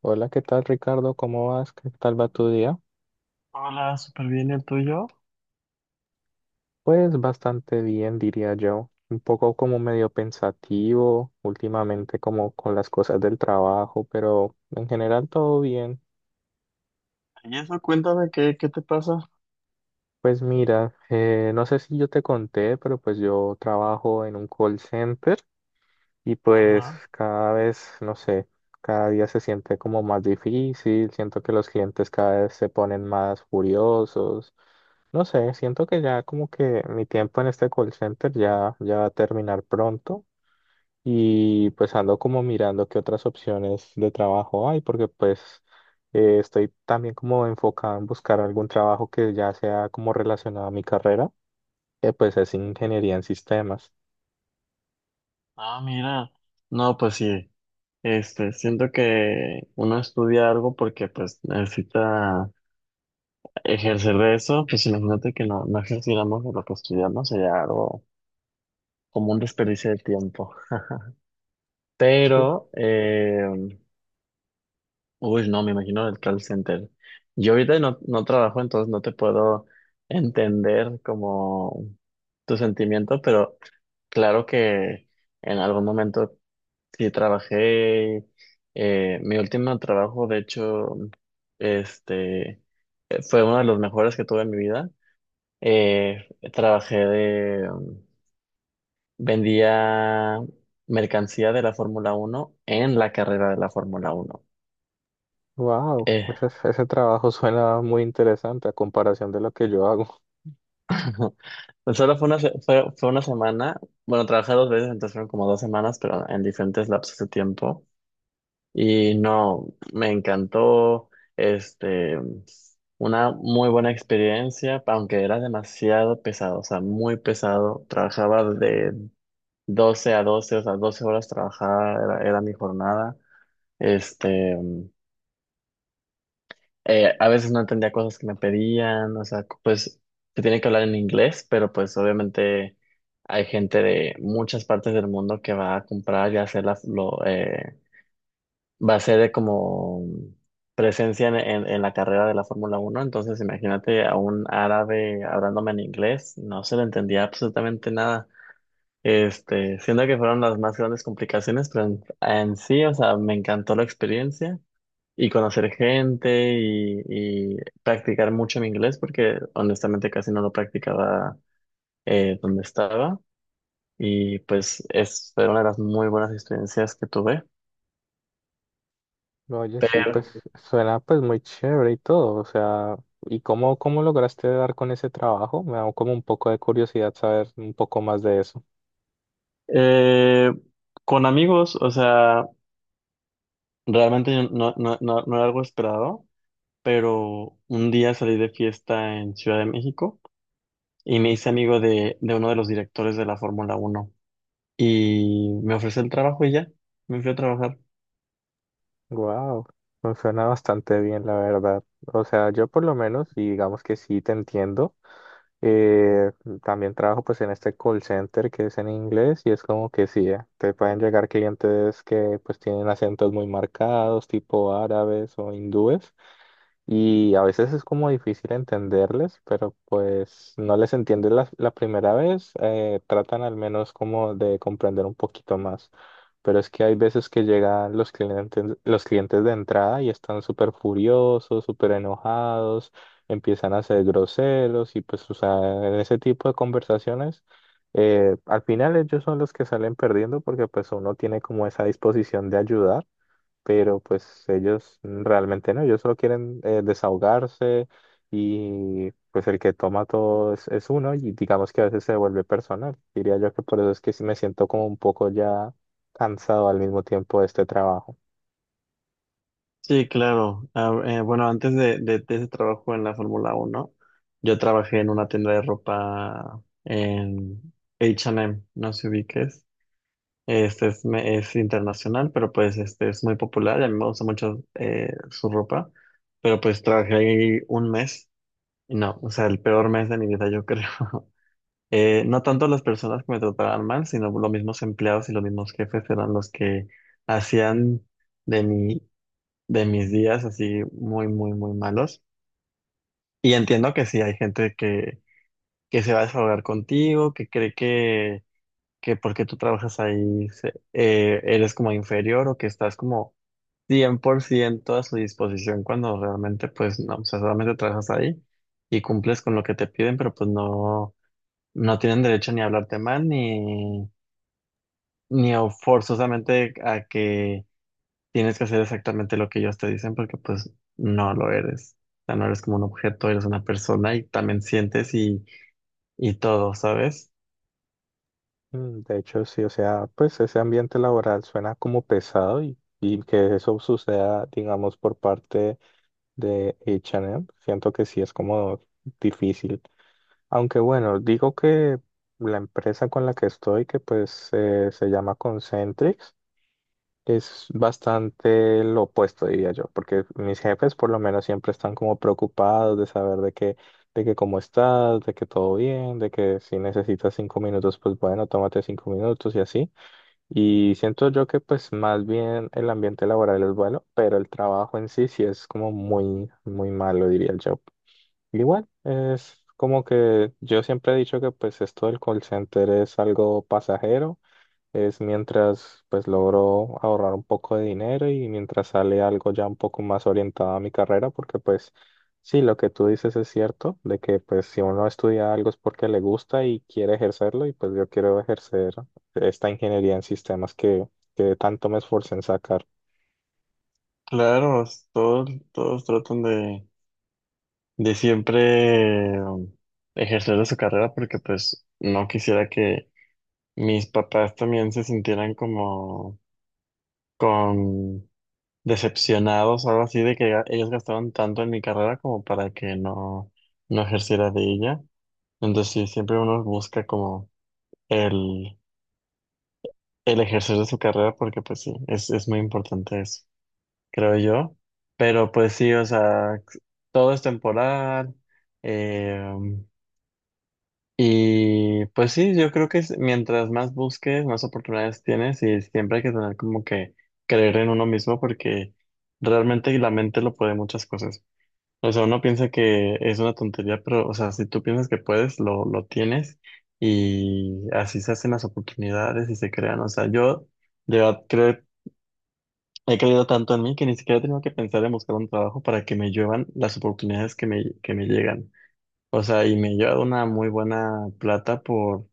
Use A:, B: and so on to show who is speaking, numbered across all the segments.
A: Hola, ¿qué tal, Ricardo? ¿Cómo vas? ¿Qué tal va tu día?
B: Hola, súper bien, ¿el tuyo?
A: Pues bastante bien, diría yo. Un poco como medio pensativo últimamente, como con las cosas del trabajo, pero en general todo bien.
B: Y eso, cuéntame, ¿qué te pasa?
A: Pues mira, no sé si yo te conté, pero pues yo trabajo en un call center. Y pues
B: Ajá.
A: cada vez, no sé, cada día se siente como más difícil, siento que los clientes cada vez se ponen más furiosos, no sé, siento que ya como que mi tiempo en este call center ya, ya va a terminar pronto y pues ando como mirando qué otras opciones de trabajo hay, porque pues estoy también como enfocado en buscar algún trabajo que ya sea como relacionado a mi carrera, que pues es ingeniería en sistemas.
B: Ah, mira. No, pues sí. Este, siento que uno estudia algo porque pues necesita ejercer de eso. Pues imagínate que no, no ejerciéramos de lo que estudiamos, sería algo como un desperdicio de tiempo.
A: ¿Sí?
B: Pero, uy, no, me imagino el call center. Yo ahorita no, no trabajo, entonces no te puedo entender como tu sentimiento, pero claro que en algún momento sí trabajé. Mi último trabajo, de hecho, este fue uno de los mejores que tuve en mi vida. Eh, trabajé de vendía mercancía de la Fórmula Uno en la carrera de la Fórmula Uno.
A: Wow,
B: Eh,
A: ese trabajo suena muy interesante a comparación de lo que yo hago.
B: pues solo fue una semana. Bueno, trabajé dos veces, entonces fueron como 2 semanas, pero en diferentes lapsos de tiempo. Y no, me encantó, este, una muy buena experiencia, aunque era demasiado pesado, o sea, muy pesado. Trabajaba de 12 a 12, o sea, 12 horas trabajaba, era mi jornada. Este, a veces no entendía cosas que me pedían, o sea, pues se tiene que hablar en inglés, pero pues obviamente hay gente de muchas partes del mundo que va a comprar y hacer las, va a ser de como presencia en la carrera de la Fórmula Uno, entonces imagínate a un árabe hablándome en inglés, no se le entendía absolutamente nada. Este, siendo que fueron las más grandes complicaciones, pero en sí, o sea, me encantó la experiencia y conocer gente y practicar mucho mi inglés, porque honestamente casi no lo practicaba donde estaba. Y pues fue una de las muy buenas experiencias que tuve.
A: No, oye, sí, pues suena pues muy chévere y todo, o sea, ¿y cómo lograste dar con ese trabajo? Me da como un poco de curiosidad saber un poco más de eso.
B: Eh, con amigos, o sea, realmente yo no, no, no, no era algo esperado, pero un día salí de fiesta en Ciudad de México y me hice amigo de uno de los directores de la Fórmula Uno y me ofreció el trabajo y ya, me fui a trabajar.
A: Wow, suena bastante bien, la verdad. O sea, yo por lo menos, y digamos que sí te entiendo. Eh, También trabajo pues en este call center que es en inglés y es como que sí, te pueden llegar clientes que pues tienen acentos muy marcados, tipo árabes o hindúes. Y a veces es como difícil entenderles, pero pues no les entiendes la primera vez, tratan al menos como de comprender un poquito más. Pero es que hay veces que llegan los clientes de entrada y están súper furiosos, súper enojados, empiezan a ser groseros y pues, o sea, en ese tipo de conversaciones, al final ellos son los que salen perdiendo porque pues uno tiene como esa disposición de ayudar, pero pues ellos realmente no, ellos solo quieren, desahogarse, y pues el que toma todo es uno, y digamos que a veces se vuelve personal. Diría yo que por eso es que sí me siento como un poco ya cansado al mismo tiempo de este trabajo.
B: Sí, claro. Ah, bueno, antes de ese trabajo en la Fórmula Uno, yo trabajé en una tienda de ropa en H&M, no sé si ubiques. Este es internacional, pero pues este es muy popular y a mí me gusta mucho su ropa. Pero pues trabajé ahí un mes y no, o sea, el peor mes de mi vida, yo creo. No tanto las personas que me trataban mal, sino los mismos empleados y los mismos jefes eran los que hacían de mi, de mis días así muy, muy, muy malos. Y entiendo que sí, hay gente que se va a desahogar contigo, que cree que porque tú trabajas ahí eres como inferior o que estás como 100% a su disposición cuando realmente pues no, o sea, solamente trabajas ahí y cumples con lo que te piden, pero pues no, no tienen derecho ni a hablarte mal ni a forzosamente a que tienes que hacer exactamente lo que ellos te dicen porque pues no lo eres. O sea, no eres como un objeto, eres una persona y también sientes y todo, ¿sabes?
A: De hecho, sí, o sea, pues ese ambiente laboral suena como pesado y que eso suceda, digamos, por parte de H&M, siento que sí es como difícil. Aunque bueno, digo que la empresa con la que estoy, que pues se llama Concentrix, es bastante lo opuesto, diría yo, porque mis jefes por lo menos siempre están como preocupados de saber de que, cómo estás, de que todo bien, de que si necesitas 5 minutos, pues bueno, tómate 5 minutos y así. Y siento yo que pues más bien el ambiente laboral es bueno, pero el trabajo en sí sí es como muy, muy malo, diría yo. Igual, es como que yo siempre he dicho que pues esto del call center es algo pasajero, es mientras pues logro ahorrar un poco de dinero y mientras sale algo ya un poco más orientado a mi carrera, porque pues sí, lo que tú dices es cierto, de que pues si uno estudia algo es porque le gusta y quiere ejercerlo, y pues yo quiero ejercer esta ingeniería en sistemas que tanto me esforcé en sacar.
B: Claro, todos tratan de siempre ejercer de su carrera porque pues no quisiera que mis papás también se sintieran como con decepcionados o algo así de que ellos gastaron tanto en mi carrera como para que no, no ejerciera de ella. Entonces sí, siempre uno busca como el, el ejercer de su carrera porque pues sí, es muy importante eso, creo yo. Pero pues sí, o sea, todo es temporal. Eh, Y pues sí, yo creo que mientras más busques, más oportunidades tienes y siempre hay que tener como que creer en uno mismo porque realmente la mente lo puede muchas cosas. O sea, uno piensa que es una tontería, pero o sea, si tú piensas que puedes, lo tienes y así se hacen las oportunidades y se crean. O sea, yo de verdad creo, he creído tanto en mí que ni siquiera he tenido que pensar en buscar un trabajo para que me lluevan las oportunidades que me llegan. O sea, y me lleva una muy buena plata por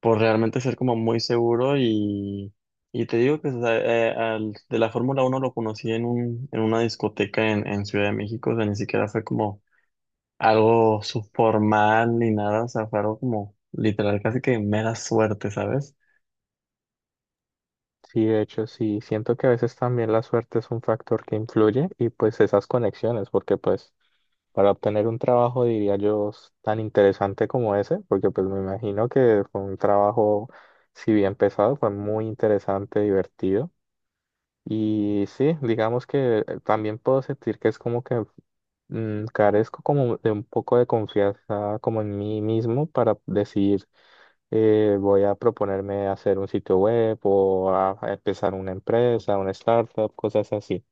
B: por realmente ser como muy seguro y te digo que o sea, de la Fórmula Uno lo conocí en una discoteca en Ciudad de México, o sea, ni siquiera fue como algo subformal ni nada, o sea, fue algo como literal, casi que mera suerte, ¿sabes?
A: Sí, de hecho, sí, siento que a veces también la suerte es un factor que influye, y pues esas conexiones, porque pues para obtener un trabajo, diría yo, tan interesante como ese, porque pues me imagino que fue un trabajo, si bien pesado, fue muy interesante, divertido. Y sí, digamos que también puedo sentir que es como que, carezco como de un poco de confianza como en mí mismo para decidir, voy a proponerme hacer un sitio web o a empezar una empresa, una startup, cosas así.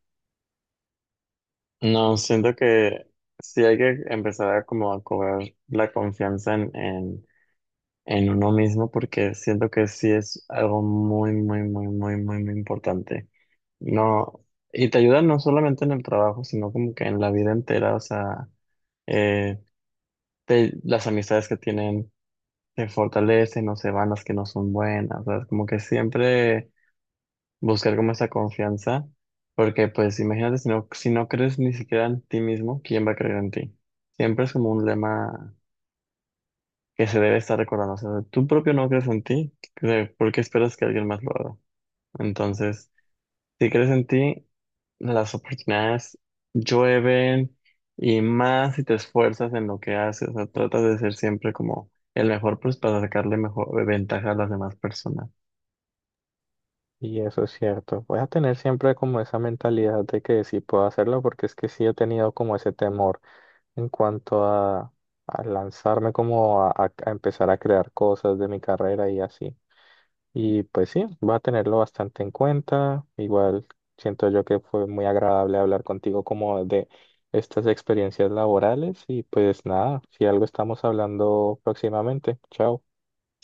B: No, siento que sí hay que empezar a como a cobrar la confianza en uno mismo porque siento que sí es algo muy, muy, muy, muy, muy, muy importante. No, y te ayuda no solamente en el trabajo, sino como que en la vida entera, o sea, eh, las amistades que tienen se fortalecen o se van las que no son buenas, ¿sabes? Como que siempre buscar como esa confianza, porque pues imagínate si no, si no crees ni siquiera en ti mismo, ¿quién va a creer en ti? Siempre es como un lema que se debe estar recordando. O sea, tú propio no crees en ti, ¿por qué esperas que alguien más lo haga? Entonces, si crees en ti, las oportunidades llueven y más si te esfuerzas en lo que haces. O sea, tratas de ser siempre como el mejor, pues para sacarle mejor ventaja a las demás personas.
A: Y eso es cierto. Voy a tener siempre como esa mentalidad de que sí puedo hacerlo, porque es que sí he tenido como ese temor en cuanto a lanzarme, como a empezar a crear cosas de mi carrera y así. Y pues sí, va a tenerlo bastante en cuenta. Igual siento yo que fue muy agradable hablar contigo como de estas experiencias laborales y pues nada, si algo estamos hablando próximamente. Chao.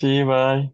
B: Sí, bye.